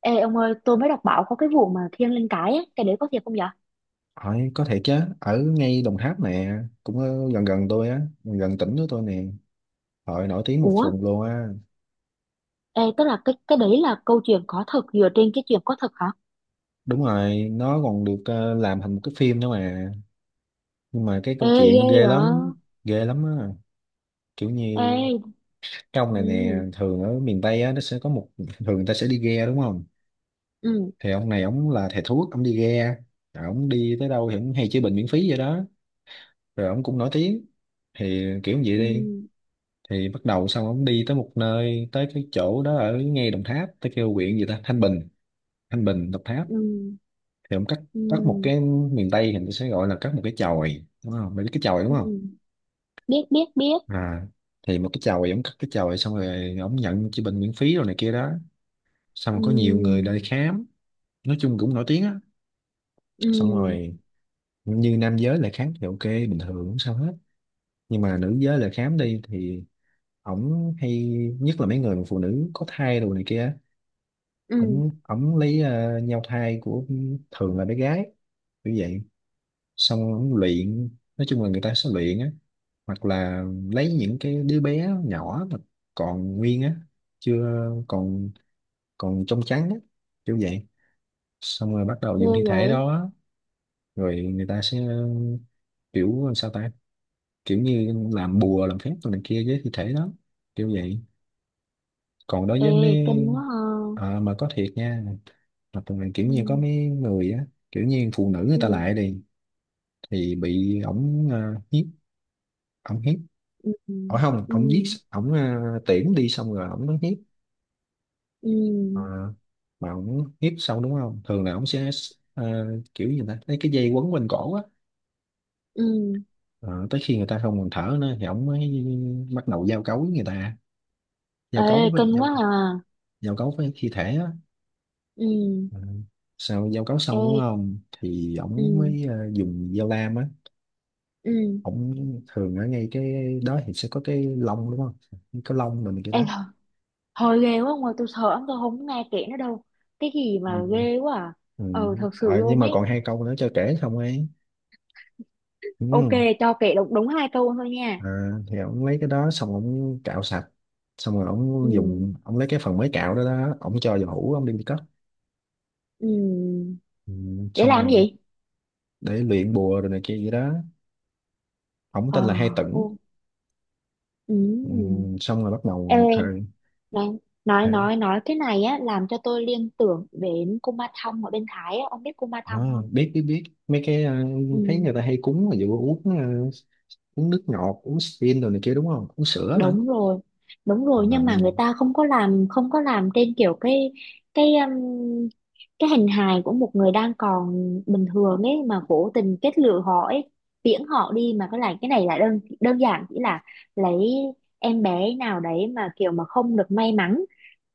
Ê ông ơi, tôi mới đọc báo có cái vụ mà thiêng lên cái ấy, cái đấy có thiệt không dạ? Hỏi có thể chứ, ở ngay Đồng Tháp nè, cũng gần gần tôi á, gần gần tỉnh của tôi nè. Hội nổi tiếng một Ủa, vùng luôn á. ê, tức là cái đấy là câu chuyện có thật dựa trên cái chuyện có thật hả? Đúng rồi, nó còn được làm thành một cái phim nữa mà. Nhưng mà cái Ê, câu ghê chuyện vậy? Ghê lắm á. Kiểu như Ê, cái ông này nè, ừ, thường ở miền Tây á, nó sẽ có một, thường người ta sẽ đi ghe đúng không? ừ, Thì ông này, ông là thầy thuốc, ông đi ghe. Rồi ông đi tới đâu thì ông hay chữa bệnh miễn phí vậy đó. Rồi ông cũng nổi tiếng. Thì kiểu như vậy ừ, đi. Thì bắt đầu xong ông đi tới một nơi, tới cái chỗ đó ở ngay Đồng Tháp, tới kêu huyện gì ta, Thanh Bình, Thanh Bình Đồng Tháp. ừ, Thì ông cắt, cắt một ừ, cái, miền Tây thì nó sẽ gọi là cắt một cái chòi, đúng không, mày biết cái chòi đúng ừ, không? biết, biết, biết, à thì một cái chòi, ông cắt cái chòi xong rồi ông nhận chữa bệnh miễn phí rồi này kia đó. Xong rồi ừ, có nhiều người lại khám, nói chung cũng nổi tiếng á. ừ, Xong rồi như nam giới lại khám thì ok, bình thường không sao hết. Nhưng mà nữ giới lại khám đi thì ổng hay, nhất là mấy người mà phụ nữ có thai đồ này kia, ừ, ổng ổng lấy nhau thai của, thường là bé gái, kiểu vậy. Xong ổng luyện, nói chung là người ta sẽ luyện á, hoặc là lấy những cái đứa bé nhỏ mà còn nguyên á, chưa, còn, còn trong trắng á, kiểu vậy. Xong rồi bắt đầu ghê dùng thi thể vậy? đó, rồi người ta sẽ, kiểu sao ta, kiểu như làm bùa làm phép rồi này kia với thi thể đó, kiểu vậy. Còn đối Ê, với mấy, kinh quá ha. Mà có thiệt nha, hoặc là kiểu Ừ, như có mấy người á, kiểu như phụ nữ người ta ừ, lại đi thì bị ổng hiếp, ổng hiếp, ừ, ở không ổng giết, ừ, ổng tiễn đi xong rồi ổng nó hiếp. Ờ, ừ, mà ổng hiếp xong đúng không, thường là ổng sẽ, à, kiểu gì ta, lấy cái dây quấn quanh cổ á. ừ, Ờ, tới khi người ta không còn thở nữa thì ổng mới bắt đầu giao cấu với người ta, ê, giao cấu với kinh quá giao, à. giao cấu với thi thể á. Ừ, Ừ. Sau giao cấu ê, xong đúng không thì ổng ừ, mới dùng dao lam á. ừ. Ổng, thường ở ngay cái đó thì sẽ có cái lông đúng không, cái lông mình này, cái Ê, đó. thôi ghê quá ông ơi, tôi sợ lắm, tôi không nghe kể nữa đâu. Cái gì Ừ. mà ghê quá à. Ừ. Ờ, thật sự Ờ, nhưng luôn mà ấy. còn hai câu nữa cho kể xong ấy. Ok, Ừ. cho kể đúng, đúng 2 câu thôi nha. à, thì ổng lấy cái đó xong ổng cạo sạch, xong rồi ổng Ừ, dùng, ổng lấy cái phần mới cạo đó đó, ổng cho vào hũ, ổng đem đi cất. ừ. Ừ. Để Xong làm cái rồi gì? để luyện bùa rồi này kia vậy đó. Ổng Ờ, tên là Hai Tửng. ô, Ừ. ừ. Xong rồi bắt đầu Ê, thời. nói, nói cái này á, làm cho tôi liên tưởng đến cô Ma Thông ở bên Thái á. Ông biết cô Ma Ờ, Thông không? biết biết biết mấy cái thấy Ừ. người ta hay cúng là vụ uống uống nước ngọt, uống stin rồi này kia đúng không, uống sữa nữa. Đúng rồi, đúng rồi, à, nhưng mà người ta không có làm trên kiểu cái cái um, cái hình hài của một người đang còn bình thường ấy mà cố tình kết lựa họ ấy, tiễn họ đi. Mà cái này là đơn đơn giản chỉ là lấy em bé nào đấy mà kiểu mà không được may mắn,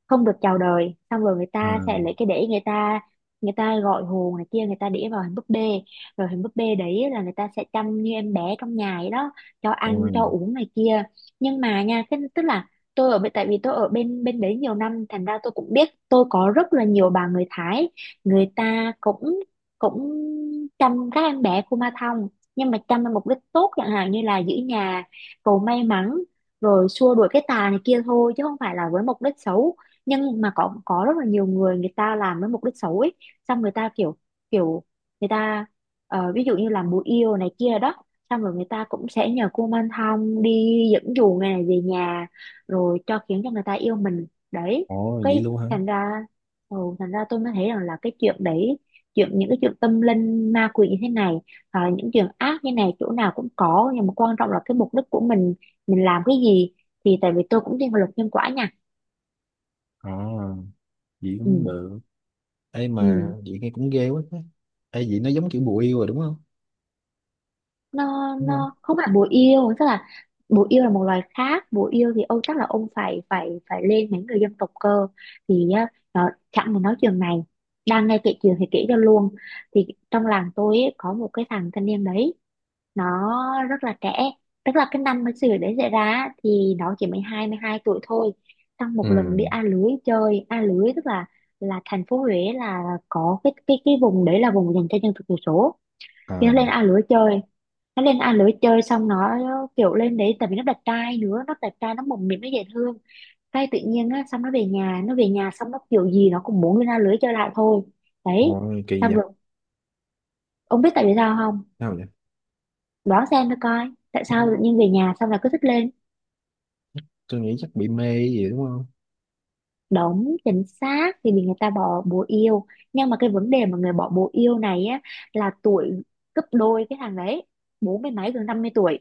không được chào đời, xong rồi người à, ta sẽ lấy cái đĩa, người ta gọi hồn này kia, người ta đĩa vào hình búp bê. Rồi hình búp bê đấy là người ta sẽ chăm như em bé trong nhà ấy đó, cho ăn Ôi, cho uống này kia. Nhưng mà nha cái, tức là tôi ở bên tại vì tôi ở bên bên đấy nhiều năm, thành ra tôi cũng biết, tôi có rất là nhiều bà người Thái. Người ta cũng cũng chăm các em bé Kuma Thong, nhưng mà chăm với mục đích tốt, chẳng hạn như là giữ nhà, cầu may mắn, rồi xua đuổi cái tà này kia thôi, chứ không phải là với mục đích xấu. Nhưng mà có rất là nhiều người, người ta làm với mục đích xấu ấy. Xong người ta kiểu, kiểu người ta ví dụ như làm bùa yêu này kia đó. Xong rồi người ta cũng sẽ nhờ cô Minh Thông đi dẫn dụ người này về nhà, rồi khiến cho người ta yêu mình đấy. ôi vậy Cái luôn hả. thành ra ừ, Thành ra, tôi mới thấy rằng là cái chuyện đấy, những cái chuyện tâm linh ma quỷ như thế này, những chuyện ác như này chỗ nào cũng có, nhưng mà quan trọng là cái mục đích của mình làm cái gì. Thì tại vì tôi cũng thiên về luật nhân quả nha. Ờ, vậy Ừ. cũng được. Ấy mà Ừ. vậy nghe cũng ghê quá á. Ấy vậy nó giống kiểu bùa yêu rồi đúng không, nó đúng không? nó không phải bồ yêu, tức là bồ yêu là một loài khác. Bồ yêu thì ông chắc là ông phải phải phải lên mấy người dân tộc cơ. Thì á, nó chẳng muốn nói chuyện này. Đang nghe kể chuyện thì kể cho luôn. Thì trong làng tôi ấy, có một cái thằng thanh niên đấy, nó rất là trẻ. Tức là cái năm mà sự việc đấy xảy ra á, thì nó chỉ mới 22 tuổi thôi. Trong một lần đi Ừ. A lưới chơi, A lưới tức là thành phố Huế, là có cái vùng đấy là vùng dành cho dân tộc thiểu số. Thì à nó lên A lưới chơi xong, nó kiểu lên đấy tại vì nó đẹp trai nữa, nó đẹp trai, nó mồm miệng nó dễ thương. Cái tự nhiên á, xong nó về nhà xong, nó kiểu gì nó cũng muốn lên A lưới chơi lại thôi. Đấy. Ôi kỳ Xong vậy. rồi, ông biết tại vì sao không? Sao vậy? Đoán xem nó coi, tại sao tự tôi, nhiên về nhà xong là cứ thích lên? tôi nghĩ chắc bị mê gì đúng không. Đúng, chính xác, thì vì người ta bỏ bồ yêu. Nhưng mà cái vấn đề mà người bỏ bồ yêu này á, là tuổi gấp đôi cái thằng đấy, bốn mươi mấy, gần 50 tuổi.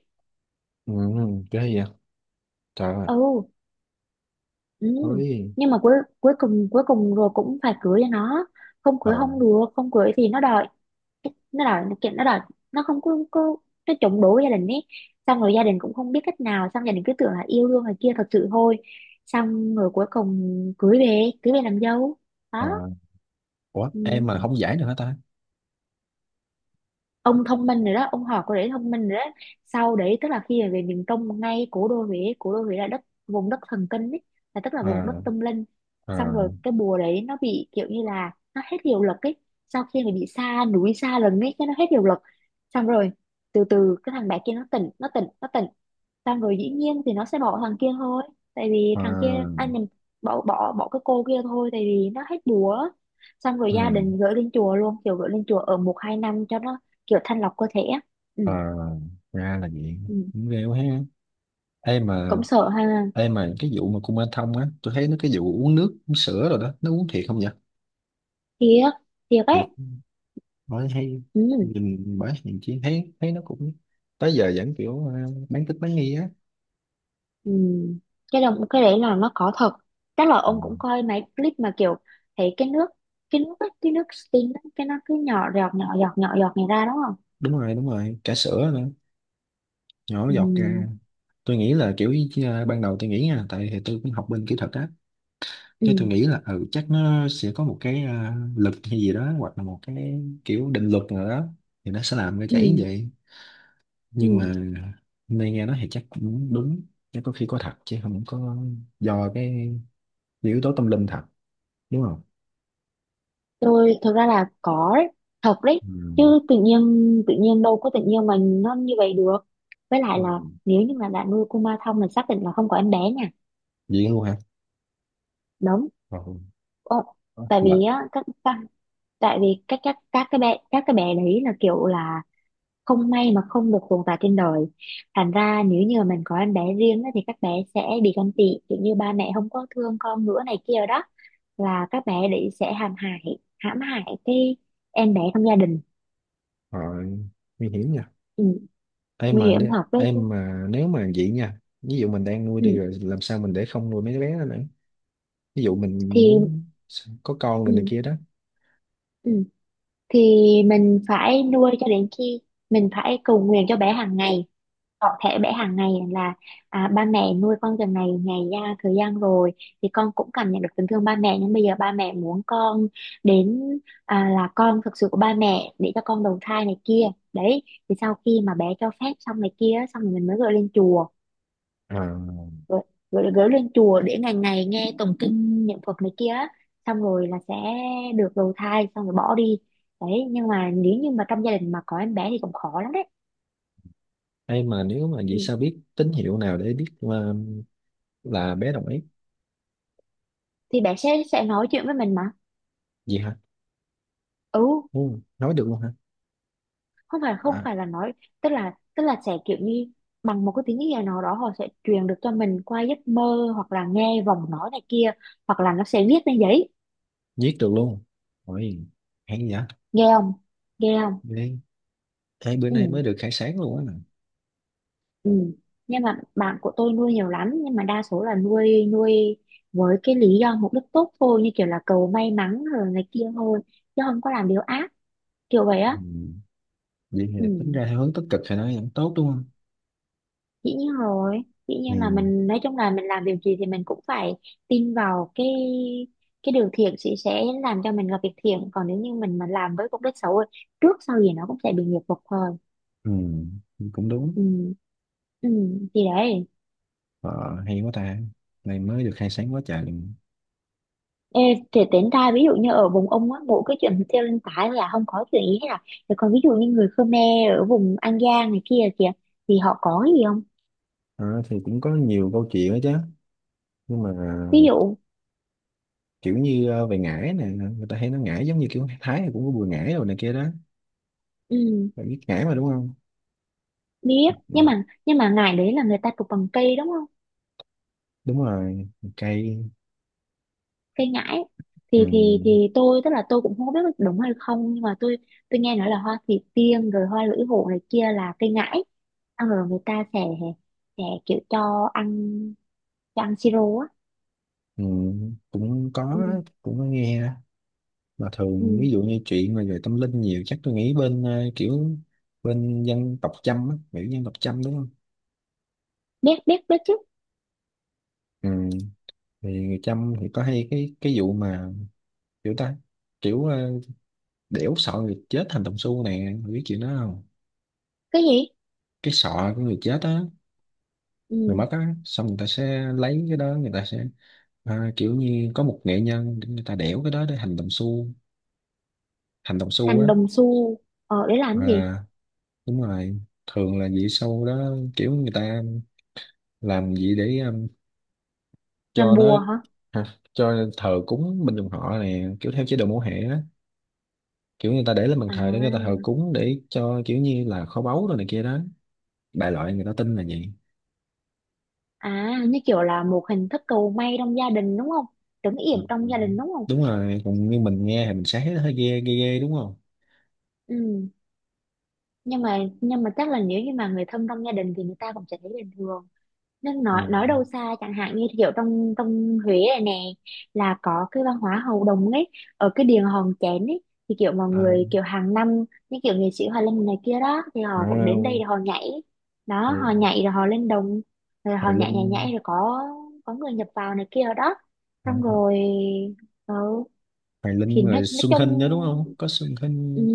Ừ, ghê vậy. Trời ơi, Ừ. Ừ. ôi. Nhưng mà cuối cuối cùng rồi cũng phải cưới cho nó, không Ờ, cưới không được, không cưới thì nó đòi nó kiện, nó đòi. Nó không có, Có, nó chống đối gia đình ấy. Xong rồi gia đình cũng không biết cách nào, xong gia đình cứ tưởng là yêu đương này kia thật sự thôi. Xong rồi cuối cùng cưới về làm dâu. Đó. ờ, ủa, em mà Ừ. không giải được hả ta. Ông thông minh rồi đó, ông học có để thông minh rồi đó. Sau đấy tức là khi mà về miền Trung, ngay cố đô Huế là đất vùng đất thần kinh ấy, là tức là vùng đất Ờ, tâm linh. ờ, Xong rồi cái bùa đấy nó bị kiểu như là nó hết hiệu lực ấy. Sau khi mà bị xa núi xa rừng ấy, cái nó hết hiệu lực. Xong rồi từ từ cái thằng bé kia nó tỉnh, nó tỉnh, nó tỉnh. Xong rồi dĩ nhiên thì nó sẽ bỏ thằng kia thôi, tại vì ờ, thằng kia anh nhầm, bỏ bỏ bỏ cái cô kia thôi, tại vì nó hết búa. Xong rồi gia ừ. đình gửi lên chùa luôn, kiểu gửi lên chùa ở 1 2 năm cho nó kiểu thanh lọc cơ thể á. Ờ, Ừ. ra là vậy, Ừ. cũng ghê quá ha. Ê mà, Cũng sợ ha. ê mà cái vụ mà Kuma Thông á, tôi thấy nó, cái vụ uống nước uống sữa rồi đó, nó uống thiệt không vậy? Thiệt thiệt Thiệt. ấy. Bởi hay Ừ. nhìn, bởi nhìn chi thấy, thấy nó cũng tới giờ vẫn kiểu bán tín bán nghi á. Ừ. Cái đấy là nó có thật. Chắc là Ừ. ông cũng coi mấy clip mà kiểu thấy cái nước ấy, cái nước steam ấy, cái nó cứ nhỏ giọt, nhỏ giọt, nhỏ giọt này ra đúng không? Đúng rồi, đúng rồi, cả sữa nữa nhỏ Ừ. giọt ra. Tôi nghĩ là kiểu, ban đầu tôi nghĩ nha, tại thì tôi cũng học bên kỹ thuật á. Thế tôi Ừ. nghĩ là ừ, chắc nó sẽ có một cái lực hay gì đó, hoặc là một cái kiểu định luật nào đó thì nó sẽ làm nó chảy Ừ. như vậy. Nhưng Ừ. mà hôm nay nghe nói thì chắc cũng đúng. Chắc có khi có thật chứ không có do cái yếu tố tâm linh thật đúng không. Tôi thực ra là có đấy, thật đấy Ừ. chứ. Tự nhiên tự nhiên đâu có tự nhiên mà nó như vậy được. Với lại là Ừ. nếu như mà đã nuôi Kuma thông là xác định là không có em bé nha. Vậy luôn hả. Đúng. Ồ, Ờ, tại vì là á tại vì các cái bé, cái bé đấy là kiểu là không may mà không được tồn tại trên đời, thành ra nếu như mà mình có em bé riêng á, thì các bé sẽ bị ganh tị, kiểu như ba mẹ không có thương con nữa này kia đó. Là các bé đấy sẽ hãm hại, cái em bé trong gia đình. rồi, nguy hiểm nha. Ừ. Em Nguy mà hiểm nếu, thật đấy chứ. em mà nếu mà vậy nha, ví dụ mình đang nuôi đi Ừ. rồi làm sao mình để không nuôi mấy đứa bé đó nữa, ví dụ mình Thì muốn có con rồi này ừ. kia đó. Ừ. Thì mình phải nuôi cho đến khi, mình phải cầu nguyện cho bé hàng ngày. Có thể bé hàng ngày là ba mẹ nuôi con từ ngày ngày ra thời gian rồi, thì con cũng cảm nhận được tình thương ba mẹ, nhưng bây giờ ba mẹ muốn con đến là con thực sự của ba mẹ, để cho con đầu thai này kia. Đấy. Thì sau khi mà bé cho phép xong này kia, xong rồi mình mới gửi lên chùa, À. gửi, gửi lên chùa để ngày ngày nghe tụng kinh niệm Phật này kia á. Xong rồi là sẽ được đầu thai, xong rồi bỏ đi. Đấy, nhưng mà nếu như mà trong gia đình mà có em bé thì cũng khó lắm đấy. Em mà nếu mà vậy, Ừ. sao biết tín hiệu nào để biết mà là bé đồng ý? Thì bé sẽ nói chuyện với mình mà. Vậy hả? Ừ. Ừ. Nói được luôn hả? không phải không À, phải là nói, tức là sẽ kiểu như bằng một cái tiếng gì nào đó, họ sẽ truyền được cho mình qua giấc mơ, hoặc là nghe vòng nói này kia, hoặc là nó sẽ viết lên giấy. viết được luôn. Ôi, hay vậy. Nghe không, nghe không. Ghê. Thế bữa nay Ừ. mới được khai sáng luôn á. Ừ. Nhưng mà bạn của tôi nuôi nhiều lắm, nhưng mà đa số là nuôi, với cái lý do mục đích tốt thôi, như kiểu là cầu may mắn rồi này kia thôi, chứ không có làm điều ác kiểu vậy á. Ừ. Vậy thì Ừ. tính ra theo hướng tích cực thì nó vẫn tốt đúng không? Dĩ nhiên rồi. Dĩ Ừ. nhiên là mình, nói chung là mình làm điều gì thì mình cũng phải tin vào cái, điều thiện sẽ, làm cho mình gặp việc thiện. Còn nếu như mình mà làm với mục đích xấu ấy, trước sau gì nó cũng sẽ bị nghiệp phục thôi. Ừ. Cũng đúng. Ừ. Ừ. Thì đấy. Ờ, hay quá ta. Này mới được khai sáng quá trời liền. Ê, thì tính ra ví dụ như ở vùng ông á mỗi cái chuyện treo lên tải là không có chuyện gì hết à, thì còn ví dụ như người Khmer ở vùng An Giang này kia kìa, thì họ có cái gì không? Ờ, thì cũng có nhiều câu chuyện đó chứ. Nhưng mà Ví dụ. kiểu như về ngải nè. Người ta hay nói ngải, giống như kiểu Thái thì cũng có bùi ngải rồi này kia đó. Ừ, Bạn biết ngải mà đúng không? biết, Ờ, nhưng mà ngải đấy là người ta chụp bằng cây đúng không? đúng rồi. Cây. Cây ngải. Ừ. Thì tôi, tức là tôi cũng không biết có đúng hay không, nhưng mà tôi nghe nói là hoa thủy tiên rồi hoa lưỡi hổ này kia là cây ngải ăn, rồi người ta sẽ kiểu cho ăn, siro á. Ừ. Cũng có, Ừ, cũng có nghe. Mà thường ừ. ví dụ như chuyện mà về tâm linh nhiều, chắc tôi nghĩ bên kiểu bên dân tộc Chăm á, kiểu dân tộc Chăm đúng không. Biết, biết, biết chứ. Ừ. Thì người Chăm thì có hay cái vụ mà, kiểu ta, kiểu đẽo sọ người chết thành đồng xu nè. Mày biết chuyện đó không? Cái gì? Cái sọ của người chết á, người Ừ. mất á, xong người ta sẽ lấy cái đó, người ta sẽ kiểu như có một nghệ nhân để người ta đẽo cái đó để thành đồng xu, thành đồng xu Thành á. đồng xu. Để làm cái gì? à, Đúng rồi, thường là vậy. Sau đó kiểu người ta làm gì để Làm cho nó. bùa hả? Hả? Cho thờ cúng bên dòng họ này, kiểu theo chế độ mẫu hệ á. Kiểu người ta để lên bàn thờ để người ta thờ À, cúng, để cho kiểu như là kho báu rồi này kia đó. Đại loại người ta tin là vậy. à, như kiểu là một hình thức cầu may trong gia đình đúng không? Trấn Ừ. yểm trong gia đình đúng không? Đúng rồi, còn như mình nghe thì mình sẽ thấy nó hơi ghê ghê ghê đúng không. Ừ. Nhưng mà chắc là nếu như mà người thân trong gia đình thì người ta cũng sẽ thấy bình thường. Nên Ừ. Nói đâu xa, chẳng hạn như kiểu trong trong Huế này nè, là có cái văn hóa hầu đồng ấy, ở cái điện Hòn Chén ấy. Thì kiểu mọi à, người kiểu hàng năm, như kiểu nghệ sĩ Hoài Linh này kia đó, thì họ cũng đến đây à, để họ nhảy. Đó, Hoài, họ nhảy rồi họ lên đồng, rồi họ Hoài nhảy, nhảy, Linh. nhảy, rồi có người nhập vào này kia đó. à, Xong Ho- rồi ừ, Hoài thì Linh rồi nói Xuân chung Hinh nữa đúng không, có Xuân ừ, Hinh.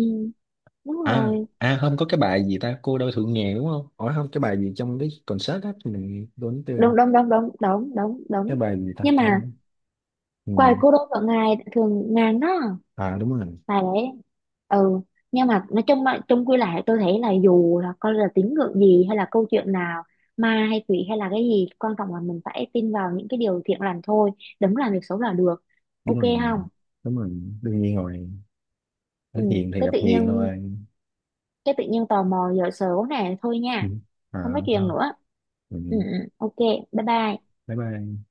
đúng rồi, À không, có cái bài gì ta, cô đơn thượng nghèo đúng không, hỏi không, cái bài gì trong cái concert á, mình quên tiêu rồi. đúng, đúng, đúng, đúng, đúng, đúng, Cái đúng, bài gì ta nhưng mà không. Ừ. quài cô đơn ở ngài thường ngàn đó. À đúng rồi. Và đấy. Ừ. Nhưng mà nói chung mà chung quy lại, tôi thấy là dù là coi là tín ngưỡng gì hay là câu chuyện nào, ma hay quỷ hay là cái gì, quan trọng là mình phải tin vào những cái điều thiện lành thôi, đừng làm việc xấu là được, Đúng ok rồi, không? đúng rồi, đương nhiên rồi, hết Ừ, hiền thì gặp hiền thôi. cái tự nhiên tò mò giờ sớm nè thôi Ừ. nha. À, Không nói chuyện thôi. nữa. Ừ. Ừ, ừ, ok. Bye bye. Bye bye.